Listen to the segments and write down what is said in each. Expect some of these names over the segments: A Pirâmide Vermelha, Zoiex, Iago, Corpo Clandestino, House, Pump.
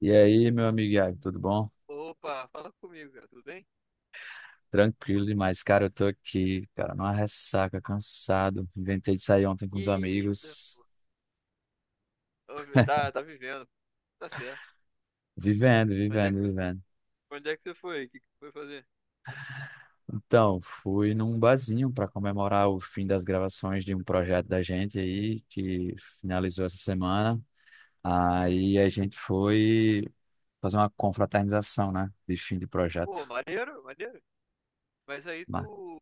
E aí, meu amigo Iago, tudo bom? Opa, fala comigo, cara, tudo bem? Tranquilo demais, cara. Eu tô aqui, cara, numa ressaca, cansado. Inventei de sair ontem com os Eita, amigos. pô. Ô, velho, tá vivendo, tá certo. Vivendo, Onde é que vivendo, tu, vivendo. onde é que você foi? O que que tu foi fazer? Então, fui num barzinho para comemorar o fim das gravações de um projeto da gente aí, que finalizou essa semana. Aí a gente foi fazer uma confraternização, né? De fim de Pô, projeto. maneiro, maneiro. Mas aí Mas, tu...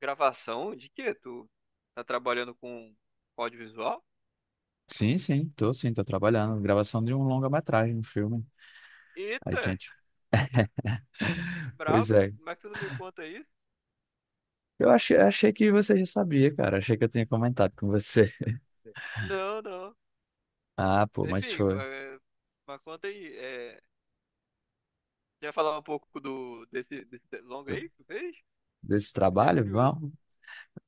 Gravação de quê? Tu tá trabalhando com audiovisual? sim, sim, tô trabalhando. Gravação de um longa-metragem, um filme. A Eita, gente. Pois brabo. é, Como é que tu não me conta isso? eu achei que você já sabia, cara. Achei que eu tinha comentado com você. Não, não. Ah, pô, mas Enfim, foi. é, mas conta aí. É, quer falar um pouco desse longa aí que tu fez? Desse Fiquei trabalho? curioso. Vamos.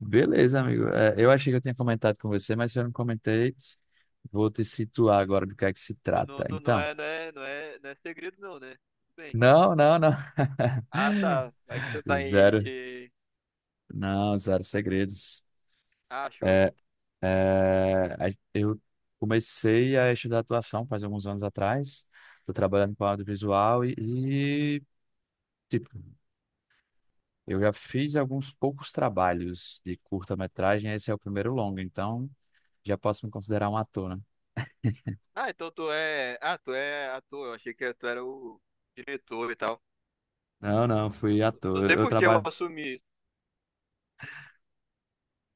Beleza, amigo. É, eu achei que eu tinha comentado com você, mas se eu não comentei, vou te situar agora do que é que se Eu Não, trata. Não Então, é, não é, não é, não é segredo não, né? Tudo bem. não, não, não. Ah, tá. Vai que você tá em N Zero. de. Não, zero segredos. Ah, show. É, eu comecei a estudar atuação faz alguns anos atrás. Estou trabalhando com audiovisual e, tipo, eu já fiz alguns poucos trabalhos de curta-metragem, esse é o primeiro longo, então já posso me considerar um ator, né? Ah, então tu é. Ah, tu é ator. Eu achei que tu era o diretor e tal. Não, não, fui Não ator. sei Eu por que eu trabalho. assumi isso.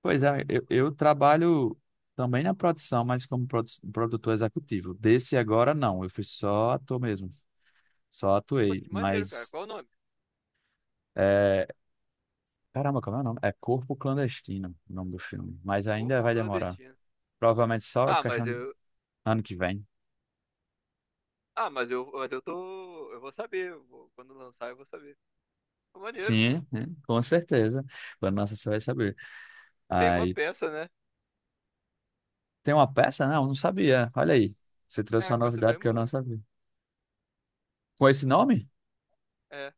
Pois é, eu trabalho também na produção, mas como produtor executivo. Desse agora, não, eu fui só ator mesmo, só Pô, atuei. que maneiro, cara. Mas, Qual o nome? é... caramba, como é o nome? É Corpo Clandestino, o nome do filme, mas ainda Corpo vai demorar. Clandestino. Provavelmente só Ah, mas questão de eu. ano que vem. Ah, mas eu tô. Eu vou saber. Quando lançar, eu vou saber. Pô, maneiro. Sim, né? Com certeza. Quando lança, você vai saber. Tem uma Aí peça, né? tem uma peça? Não, não sabia. Olha aí. Você trouxe É, uma com esse novidade que mesmo eu não nome. sabia. Com esse nome? É.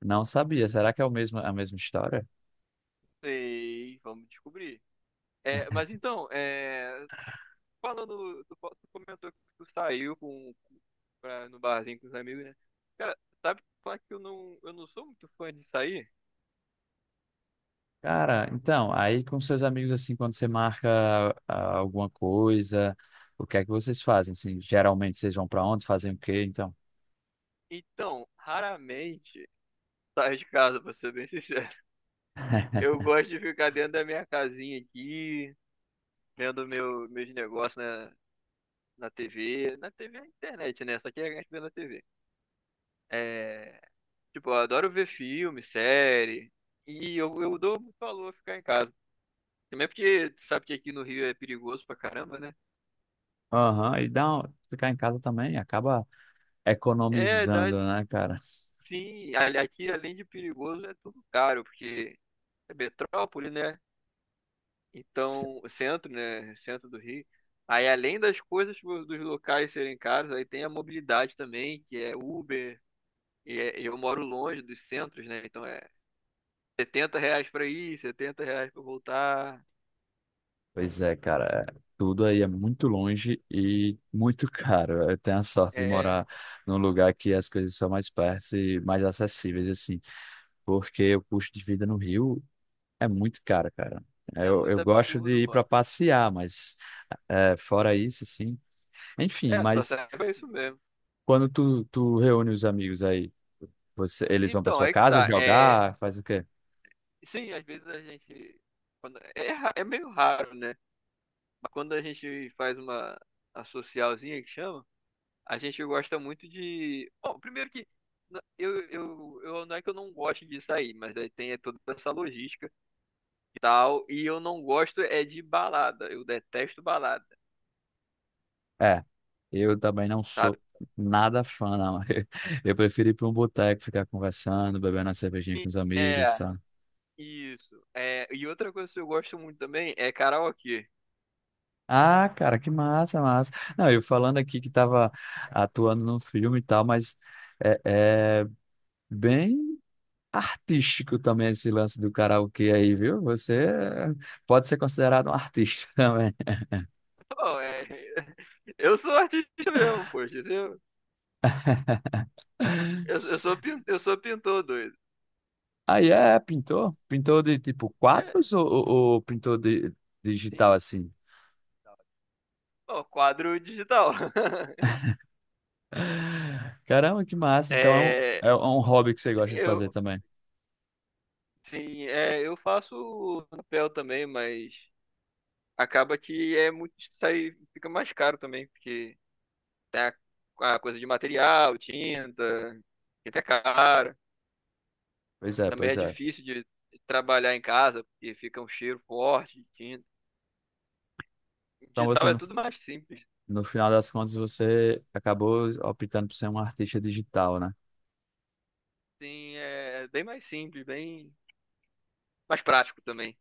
Não sabia. Será que é o mesmo, a mesma história? Sei. Vamos descobrir. É, mas então, é. Falando. Tu comentou que tu saiu com pra, no barzinho com os amigos, né? Cara, sabe falar que eu não sou muito fã de sair? Cara, então, aí com seus amigos, assim, quando você marca alguma coisa, o que é que vocês fazem? Assim, geralmente vocês vão pra onde? Fazem o quê, então? Então, raramente saio de casa, pra ser bem sincero. Eu gosto de ficar dentro da minha casinha aqui, vendo meus negócios na, TV. Na TV é internet, né? Só que a gente vê na TV. É, tipo, eu adoro ver filme, série. E eu dou muito valor a ficar em casa. Também porque tu sabe que aqui no Rio é perigoso pra caramba, né? Aham, ficar em casa também acaba É, dá, economizando, né, cara? sim, aqui além de perigoso é tudo caro, porque é metrópole, né? Então, o centro, né? Centro do Rio. Aí além das coisas dos locais serem caros, aí tem a mobilidade também, que é Uber, e eu moro longe dos centros, né? Então é 70 reais pra ir, 70 reais pra voltar. Pois é, cara, é- tudo aí é muito longe e muito caro. Eu tenho a sorte de É, morar num lugar que as coisas são mais perto e mais acessíveis, assim, porque o custo de vida no Rio é muito caro, cara. é Eu, muito eu gosto absurdo, de ir para mano. passear, mas é, fora isso, assim. Enfim, É, só mas serve pra isso mesmo. quando tu reúne os amigos aí, você, eles vão para Então, sua aí que casa tá. É, jogar, faz o quê? sim, às vezes a gente. É meio raro, né? Mas quando a gente faz uma a socialzinha que chama, a gente gosta muito de. Bom, primeiro que eu não é que eu não gosto de sair, mas aí tem é toda essa logística e tal. E eu não gosto é de balada. Eu detesto balada, É, eu também não sabe? sou nada fã, não. Eu prefiro ir para um boteco, ficar conversando, bebendo uma cervejinha com os amigos, É, tá? isso. É, e outra coisa que eu gosto muito também é karaokê. Ah, cara, que massa, massa. Não, eu falando aqui que tava atuando num filme e tal, mas é, é bem artístico também esse lance do karaokê aí, viu? Você pode ser considerado um artista também. Bom, é, eu sou artista mesmo, poxa. Eu sou pintor doido. Aí é pintor? Pintor de tipo É, quadros ou pintor de digital sim. assim? Ó, quadro digital. Caramba, que massa. Então É, é um hobby que você gosta de fazer eu, também. sim, é, eu faço papel também, mas acaba que é fica mais caro também, porque tem a coisa de material, tinta, que é cara. Pois é, Também é pois é. difícil de trabalhar em casa, porque fica um cheiro forte de tinta. Então você, Digital é no, tudo mais simples. no final das contas, você acabou optando por ser um artista digital, né? Sim, é bem mais simples, bem mais prático também.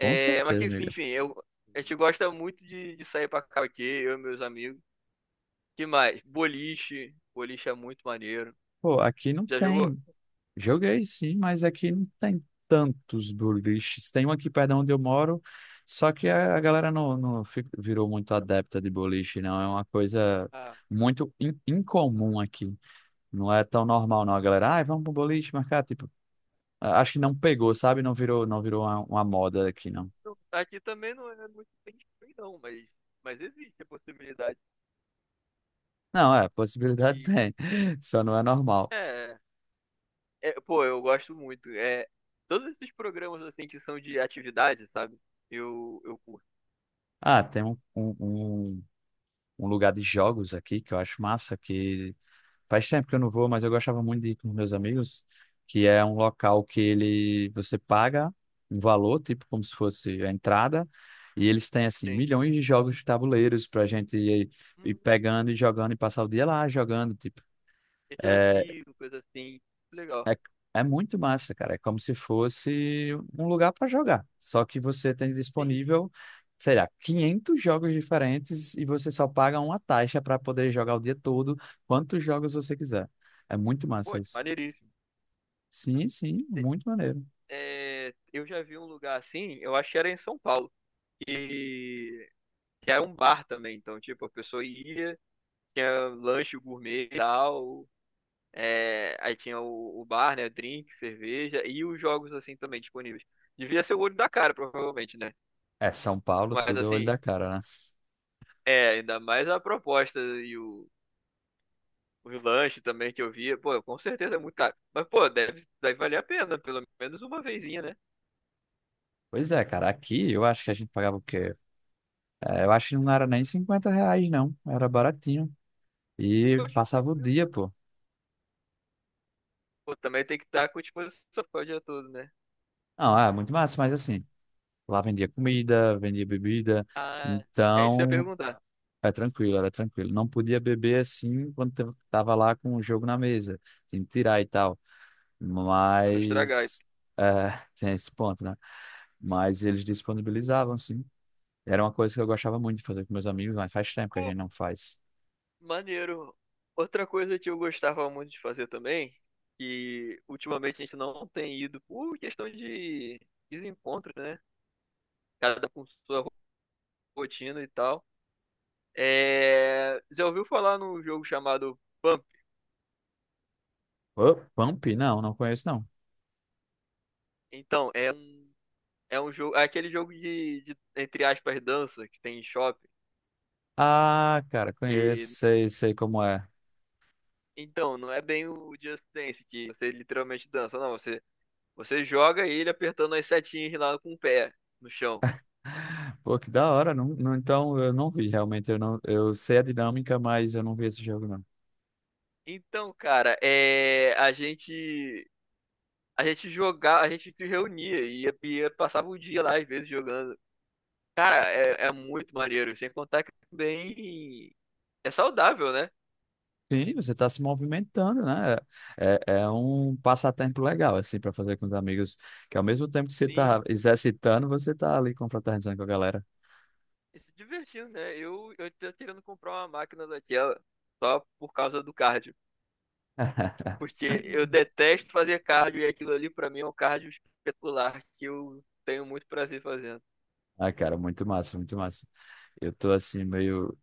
Com mas certeza, que, amiga. enfim, a gente gosta muito de sair pra cá aqui, eu e meus amigos. Que mais? Boliche. Boliche é muito maneiro. Pô, aqui não Já jogou? tem. Joguei sim, mas aqui não tem tantos boliches. Tem um aqui perto de onde eu moro, só que a galera não virou muito adepta de boliche, não. É uma coisa Ah, incomum aqui. Não é tão normal, não. A galera, ai, vamos pro boliche marcar, tipo. Ah, acho que não pegou, sabe? Não virou, não virou uma moda aqui, não. não, aqui também não é muito bem feito, não, mas existe a possibilidade. Não, é, possibilidade E tem, só não é normal. é, pô, eu gosto muito. É, todos esses programas assim que são de atividade, sabe? Eu curto. Ah, tem um lugar de jogos aqui que eu acho massa, que faz tempo que eu não vou, mas eu gostava muito de ir com meus amigos, que é um local que ele, você paga um valor, tipo como se fosse a entrada, e eles têm, assim, Tem milhões de jogos de tabuleiros pra gente ir, ir hum, pegando e jogando e passar o dia lá jogando, tipo. eu já é, vi coisa assim, legal. É, é muito massa, cara. É como se fosse um lugar para jogar. Só que você tem Sim, disponível, sei lá, 500 jogos diferentes e você só paga uma taxa para poder jogar o dia todo, quantos jogos você quiser. É muito massa pô, isso. maneiríssimo. Sim, sim, Te- muito maneiro. É, eu já vi um lugar assim, eu acho que era em São Paulo. E que era um bar também. Então, tipo, a pessoa ia. Tinha lanche gourmet e tal. É, aí tinha o bar, né? Drink, cerveja e os jogos assim também disponíveis. Devia ser o olho da cara, provavelmente, né? É, São Paulo, Mas tudo é olho assim, da cara, né? é, ainda mais a proposta e o lanche também que eu via. Pô, com certeza é muito caro. Mas, pô, deve valer a pena, pelo menos uma vezinha, né? Pois é, cara. Aqui eu acho que a gente pagava o quê? É, eu acho que não era nem R$ 50, não. Era baratinho. E Poxa, passava o tranquilo. dia, pô. Pô, também tem que estar com disposição pra o dia todo, né? Não, é muito massa, mas assim. Lá vendia comida, vendia bebida, Ah, é isso que eu ia então perguntar, é tranquilo, era tranquilo. Não podia beber assim quando tava lá com o jogo na mesa, tinha que tirar e tal. pra não estragar. Mas é, tem esse ponto, né? Mas eles disponibilizavam, sim. Era uma coisa que eu gostava muito de fazer com meus amigos, mas faz tempo que a Pô, gente não faz. maneiro. Outra coisa que eu gostava muito de fazer também, que ultimamente a gente não tem ido por questão de desencontro, né? Cada um com sua rotina e tal. É... Já ouviu falar num jogo chamado Pump? Ô, Pump? Não, não conheço, não. Então, é um jogo, é aquele jogo de, entre aspas, dança que tem em shopping. Ah, cara, conheço, E, sei, sei como é. então, não é bem o Just Dance, que você literalmente dança, não. Você joga ele apertando as setinhas lá com o pé no chão. Pô, que da hora, não, não, então eu não vi realmente, eu não, eu sei a dinâmica, mas eu não vi esse jogo, não. Então, cara, é, a gente jogava, a gente se reunia e passava o dia lá às vezes jogando. Cara, é muito maneiro, sem contar que também é saudável, né? Sim, você está se movimentando, né? É, um passatempo legal, assim, para fazer com os amigos, que ao mesmo tempo que você está Sim, exercitando, você está ali confraternizando com a galera. e se divertindo, né? Eu tô querendo comprar uma máquina daquela só por causa do cardio, porque eu detesto fazer cardio e aquilo ali pra mim é um cardio espetacular que eu tenho muito prazer fazendo. Ah, cara, muito massa, muito massa. Eu tô assim, meio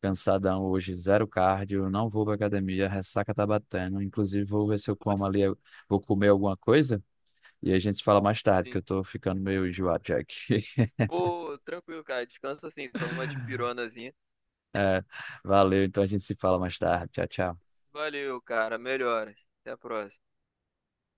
cansadão hoje, zero cardio, não vou pra academia, a ressaca tá batendo. Inclusive, vou ver se eu como Putz, ali, eu vou comer alguma coisa e a gente se fala mais tarde, que sim. eu tô ficando meio enjoado já aqui. Pô, tranquilo, cara, descansa assim, toma uma dipironazinha. É, valeu, então a gente se fala mais tarde. Tchau, tchau. Valeu, cara. Melhoras. Até a próxima.